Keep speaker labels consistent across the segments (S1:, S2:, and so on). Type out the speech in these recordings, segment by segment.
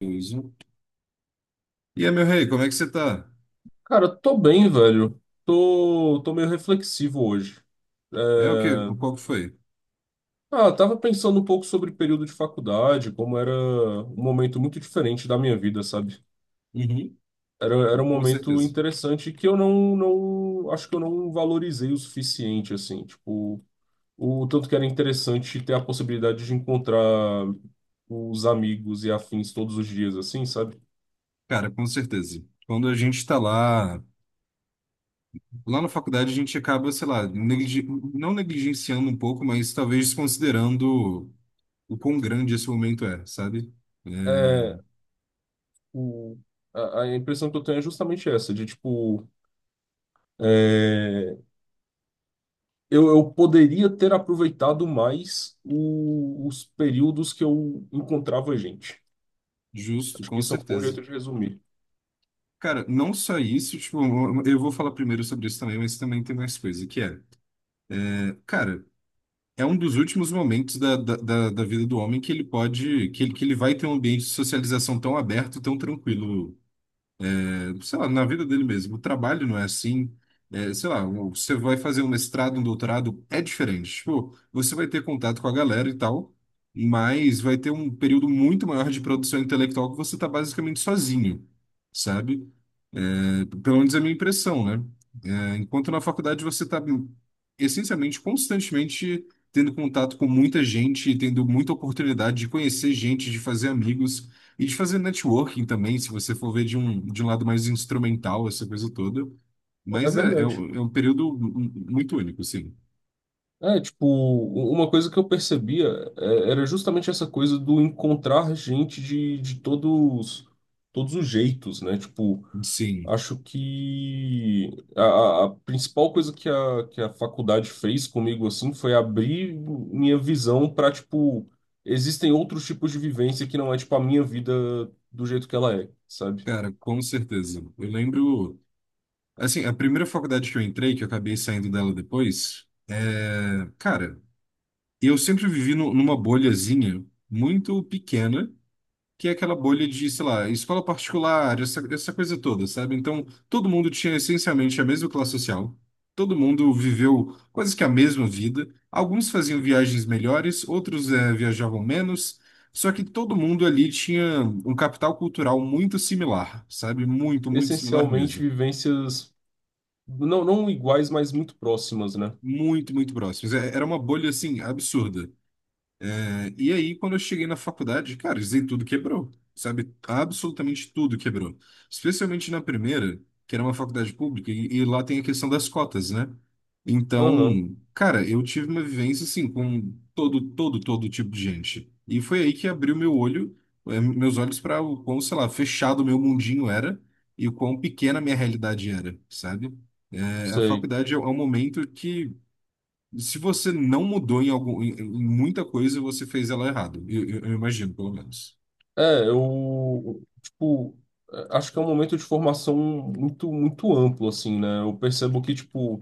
S1: Beleza. E aí, meu rei, como é que você tá?
S2: Cara, tô bem, velho. Tô meio reflexivo hoje. É,
S1: É o quê? Qual que foi?
S2: Tava pensando um pouco sobre período de faculdade, como era um momento muito diferente da minha vida, sabe?
S1: Uhum.
S2: Era um
S1: Com
S2: momento
S1: certeza.
S2: interessante que eu não, não, acho que eu não valorizei o suficiente, assim, tipo, o tanto que era interessante ter a possibilidade de encontrar os amigos e afins todos os dias, assim, sabe?
S1: Cara, com certeza. Quando a gente tá lá, na faculdade, a gente acaba, sei lá, não negligenciando um pouco, mas talvez desconsiderando o quão grande esse momento é, sabe? É,
S2: É, o, a impressão que eu tenho é justamente essa, de, tipo, é, eu poderia ter aproveitado mais os períodos que eu encontrava gente.
S1: justo,
S2: Acho que
S1: com
S2: isso é um bom
S1: certeza.
S2: jeito de resumir.
S1: Cara, não só isso, tipo, eu vou falar primeiro sobre isso também, mas também tem mais coisa, que é, cara. É um dos últimos momentos da vida do homem que ele pode, que ele vai ter um ambiente de socialização tão aberto, tão tranquilo. É, sei lá, na vida dele mesmo. O trabalho não é assim. É, sei lá, você vai fazer um mestrado, um doutorado, é diferente. Tipo, você vai ter contato com a galera e tal, mas vai ter um período muito maior de produção intelectual que você está basicamente sozinho, sabe? Pelo menos é a minha impressão, né? É, enquanto na faculdade você está essencialmente, constantemente tendo contato com muita gente, tendo muita oportunidade de conhecer gente, de fazer amigos e de fazer networking também, se você for ver de um lado mais instrumental, essa coisa toda.
S2: É é
S1: Mas é, é,
S2: verdade.
S1: um é um período muito único, sim.
S2: É, tipo, uma coisa que eu percebia era justamente essa coisa do encontrar gente de todos, todos os jeitos, né? Tipo,
S1: Sim,
S2: acho que a principal coisa que a faculdade fez comigo assim foi abrir minha visão para tipo existem outros tipos de vivência que não é tipo a minha vida do jeito que ela é, sabe?
S1: cara, com certeza. Eu lembro, assim, a primeira faculdade que eu entrei, que eu acabei saindo dela depois, é, cara. Eu sempre vivi numa bolhazinha muito pequena, que é aquela bolha de, sei lá, escola particular, essa coisa toda, sabe? Então, todo mundo tinha essencialmente a mesma classe social, todo mundo viveu quase que a mesma vida. Alguns faziam viagens melhores, outros viajavam menos, só que todo mundo ali tinha um capital cultural muito similar, sabe? Muito, muito similar
S2: Essencialmente
S1: mesmo.
S2: vivências não iguais, mas muito próximas, né?
S1: Muito, muito próximos. Era uma bolha, assim, absurda. É, e aí, quando eu cheguei na faculdade, cara, isso aí tudo quebrou, sabe? Absolutamente tudo quebrou. Especialmente na primeira, que era uma faculdade pública, e lá tem a questão das cotas, né?
S2: Aham,
S1: Então, cara, eu tive uma vivência, assim, com todo, todo, todo tipo de gente. E foi aí que abriu meu olho, meus olhos para o quão, sei lá, fechado meu mundinho era e o quão pequena a minha realidade era, sabe? A
S2: sei.
S1: faculdade é um momento que, se você não mudou em, algum, em muita coisa, você fez ela errado. Eu imagino, pelo menos.
S2: É, eu tipo acho que é um momento de formação muito muito amplo assim, né? Eu percebo que tipo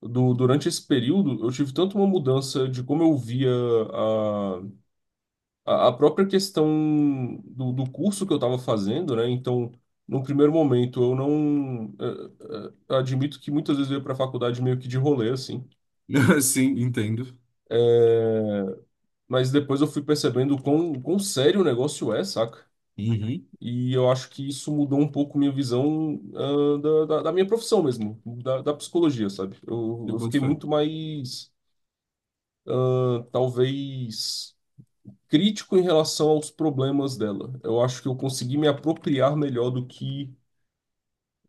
S2: durante esse período, eu tive tanto uma mudança de como eu via a, a própria questão do curso que eu estava fazendo, né? Então, num primeiro momento, eu não. eh, eh, admito que muitas vezes eu ia para a faculdade meio que de rolê, assim.
S1: Sim, entendo.
S2: Eh, mas depois eu fui percebendo o quão sério o negócio é, saca?
S1: Uhum.
S2: E eu acho que isso mudou um pouco minha visão, da minha profissão mesmo, da psicologia, sabe? Eu,
S1: Eu
S2: eu
S1: boto
S2: fiquei
S1: fé.
S2: muito mais talvez crítico em relação aos problemas dela. Eu acho que eu consegui me apropriar melhor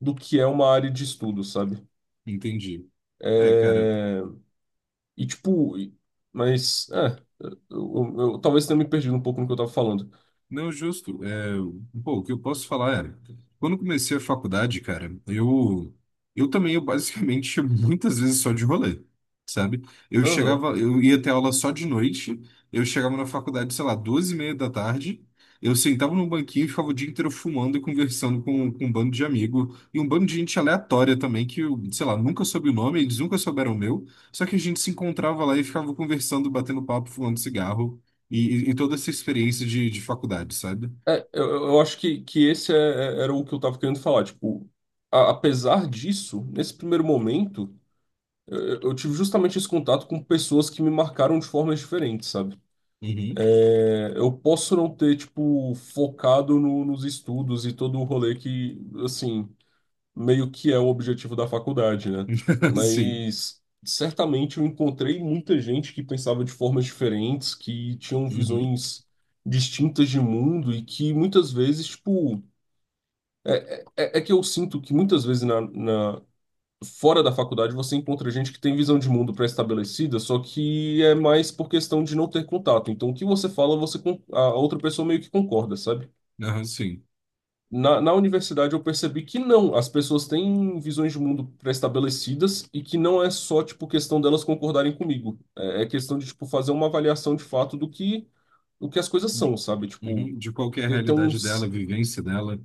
S2: do que é uma área de estudo, sabe?
S1: Entendi. É, cara.
S2: É, E tipo, e- eu talvez tenha me perdido um pouco no que eu tava falando.
S1: Não, justo. É, pô, o que eu posso falar é, quando comecei a faculdade, cara, eu também eu basicamente muitas vezes só de rolê, sabe? Eu
S2: Aham.
S1: chegava, eu ia ter aula só de noite, eu chegava na faculdade, sei lá, 2:30 da tarde, eu sentava no banquinho e ficava o dia inteiro fumando e conversando com um bando de amigo e um bando de gente aleatória também que, eu, sei lá, nunca soube o nome, eles nunca souberam o meu, só que a gente se encontrava lá e ficava conversando, batendo papo, fumando cigarro. E, toda essa experiência de faculdade, sabe?
S2: Eu acho que era o que eu tava querendo falar. Tipo, apesar disso, nesse primeiro momento, eu tive justamente esse contato com pessoas que me marcaram de formas diferentes, sabe?
S1: Uhum.
S2: Eu posso não ter, tipo, focado nos estudos e todo o rolê que, assim, meio que é o objetivo da faculdade, né?
S1: Sim.
S2: Mas certamente eu encontrei muita gente que pensava de formas diferentes, que tinham
S1: Uhum.
S2: visões distintas de mundo e que muitas vezes, tipo, é que eu sinto que muitas vezes fora da faculdade você encontra gente que tem visão de mundo pré-estabelecida, só que é mais por questão de não ter contato. Então, o que você fala, a outra pessoa meio que concorda, sabe?
S1: Aham, sim.
S2: Na universidade eu percebi que não, as pessoas têm visões de mundo pré-estabelecidas e que não é só, tipo, questão delas concordarem comigo. É questão de, tipo, fazer uma avaliação de fato do que as coisas são, sabe? Tipo,
S1: Uhum. De qual que é a
S2: ter
S1: realidade dela, a
S2: uns...
S1: vivência dela.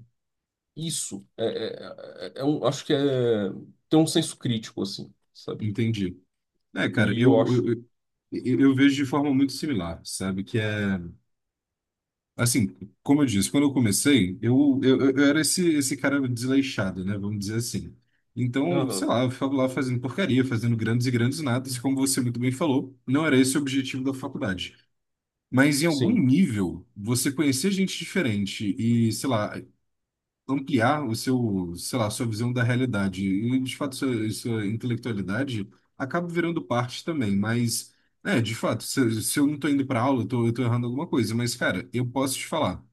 S2: Isso. É acho que é... Ter um senso crítico, assim, sabe?
S1: Entendi. É, cara,
S2: E eu
S1: eu, eu,
S2: acho.
S1: eu, eu vejo de forma muito similar, sabe? Que é, assim, como eu disse, quando eu comecei, eu era esse cara desleixado, né? Vamos dizer assim. Então, sei
S2: Aham,
S1: lá, eu ficava lá fazendo porcaria, fazendo grandes e grandes nadas, e como você muito bem falou, não era esse o objetivo da faculdade. Mas em algum
S2: sim,
S1: nível, você conhecer gente diferente e, sei lá, ampliar o seu, sei lá, sua visão da realidade e, de fato, sua intelectualidade acaba virando parte também. Mas, é, de fato, se eu não tô indo pra aula, eu tô errando alguma coisa. Mas, cara, eu posso te falar.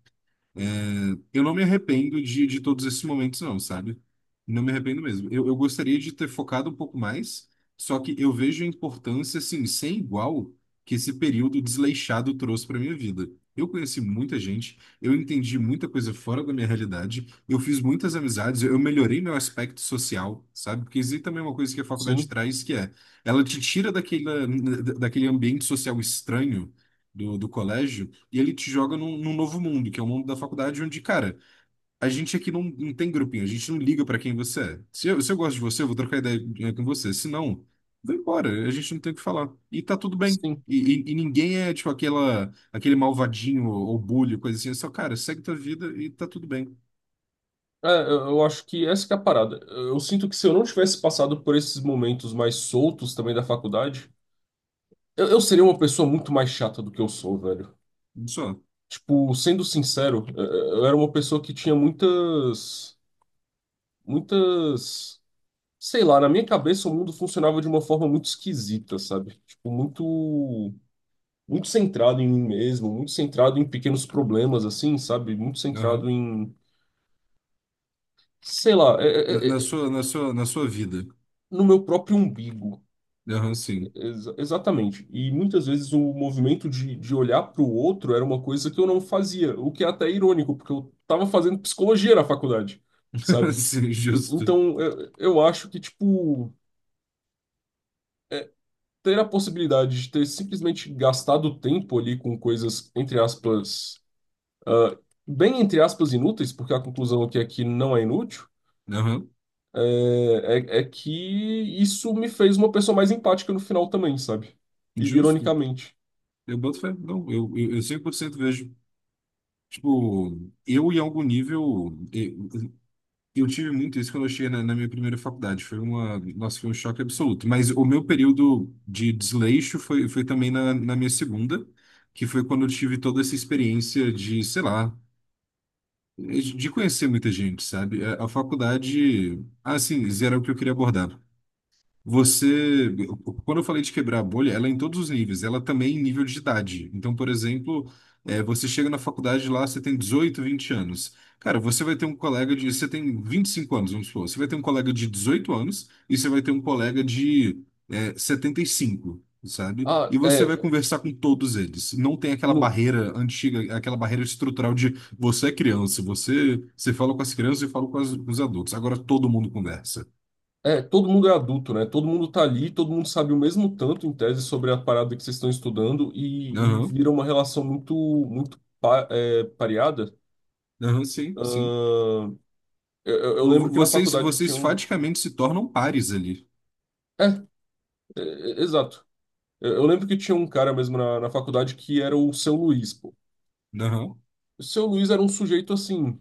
S1: É, eu não me arrependo de todos esses momentos, não, sabe? Não me arrependo mesmo. Eu gostaria de ter focado um pouco mais, só que eu vejo a importância, assim, sem igual que esse período desleixado trouxe para minha vida. Eu conheci muita gente, eu entendi muita coisa fora da minha realidade, eu fiz muitas amizades, eu melhorei meu aspecto social, sabe? Porque existe também uma coisa que a faculdade
S2: sim,
S1: traz, que é, ela te tira daquele, ambiente social estranho do colégio e ele te joga num novo mundo, que é o mundo da faculdade, onde, cara, a gente aqui não tem grupinho, a gente não liga pra quem você é. Se eu gosto de você, eu vou trocar ideia com você. Se não, vai embora, a gente não tem o que falar. E tá tudo bem.
S2: sim.
S1: E ninguém é, tipo, aquela, aquele malvadinho ou bully, coisa assim. É só, cara, segue tua vida e tá tudo bem.
S2: É, eu acho que essa que é a parada. Eu sinto que se eu não tivesse passado por esses momentos mais soltos também da faculdade, eu seria uma pessoa muito mais chata do que eu sou, velho.
S1: Só.
S2: Tipo, sendo sincero, eu era uma pessoa que tinha muitas, muitas, sei lá, na minha cabeça o mundo funcionava de uma forma muito esquisita, sabe? Tipo, muito, muito centrado em mim mesmo, muito centrado em pequenos problemas, assim, sabe? Muito centrado
S1: Aham.
S2: em... Sei lá,
S1: Na, na sua, na sua, na sua vida.
S2: no meu próprio umbigo.
S1: Aham, sim.
S2: Exatamente. E muitas vezes o movimento de olhar para o outro era uma coisa que eu não fazia, o que é até irônico, porque eu estava fazendo psicologia na faculdade, sabe?
S1: Sim, justo.
S2: Então eu acho que, tipo, ter a possibilidade de ter simplesmente gastado tempo ali com coisas, entre aspas, ah, bem entre aspas inúteis, porque a conclusão aqui é que não é inútil.
S1: Aham,
S2: É que isso me fez uma pessoa mais empática no final também, sabe?
S1: justo.
S2: Ironicamente.
S1: Eu boto fé. Não, eu 100% vejo. Tipo, eu em algum nível, eu tive muito isso quando eu cheguei na minha primeira faculdade. Foi uma, nossa, foi um choque absoluto. Mas o meu período de desleixo foi também na minha segunda, que foi quando eu tive toda essa experiência de, sei lá, de conhecer muita gente, sabe? A faculdade, assim, isso era o que eu queria abordar. Você, quando eu falei de quebrar a bolha, ela é em todos os níveis, ela também em nível de idade. Então, por exemplo, é, você chega na faculdade lá, você tem 18, 20 anos. Cara, você vai ter um colega de. Você tem 25 anos, vamos supor. Você vai ter um colega de 18 anos e você vai ter um colega de 75, sabe?
S2: Ah,
S1: E você
S2: é,
S1: vai conversar com todos eles. Não tem aquela
S2: no,
S1: barreira antiga, aquela barreira estrutural de você é criança, você fala com as crianças e fala com os adultos. Agora todo mundo conversa.
S2: é, todo mundo é adulto, né? Todo mundo tá ali, todo mundo sabe o mesmo tanto em tese sobre a parada que vocês estão estudando e vira uma relação muito, pareada.
S1: Aham, sim, sim.
S2: Ahn, eu
S1: Vo- vo-
S2: lembro que na
S1: Vocês,
S2: faculdade
S1: vocês
S2: tinha um.
S1: faticamente se tornam pares ali.
S2: É, É, exato. Eu lembro que tinha um cara mesmo na faculdade que era o seu Luiz, pô.
S1: Aham.
S2: O seu Luiz era um sujeito assim,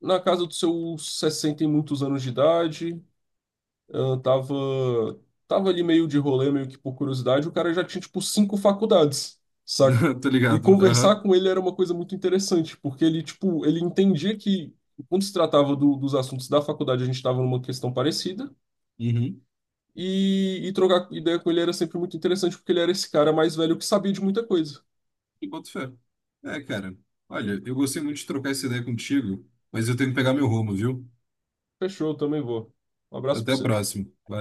S2: na casa dos seus 60 e muitos anos de idade. Eu tava, Tava ali meio de rolê, meio que por curiosidade, o cara já tinha, tipo, cinco faculdades, saca?
S1: Tá
S2: E
S1: ligado.
S2: conversar
S1: Aham.
S2: com ele era uma coisa muito interessante, porque ele, tipo, ele entendia que, quando se tratava dos assuntos da faculdade, a gente estava numa questão parecida,
S1: Uhum.
S2: e trocar ideia com ele era sempre muito interessante, porque ele era esse cara mais velho que sabia de muita coisa.
S1: E boto fé. É, cara. Olha, eu gostei muito de trocar essa ideia contigo, mas eu tenho que pegar meu rumo, viu?
S2: Fechou, eu também vou. Um abraço pra
S1: Até a
S2: você.
S1: próxima. Valeu.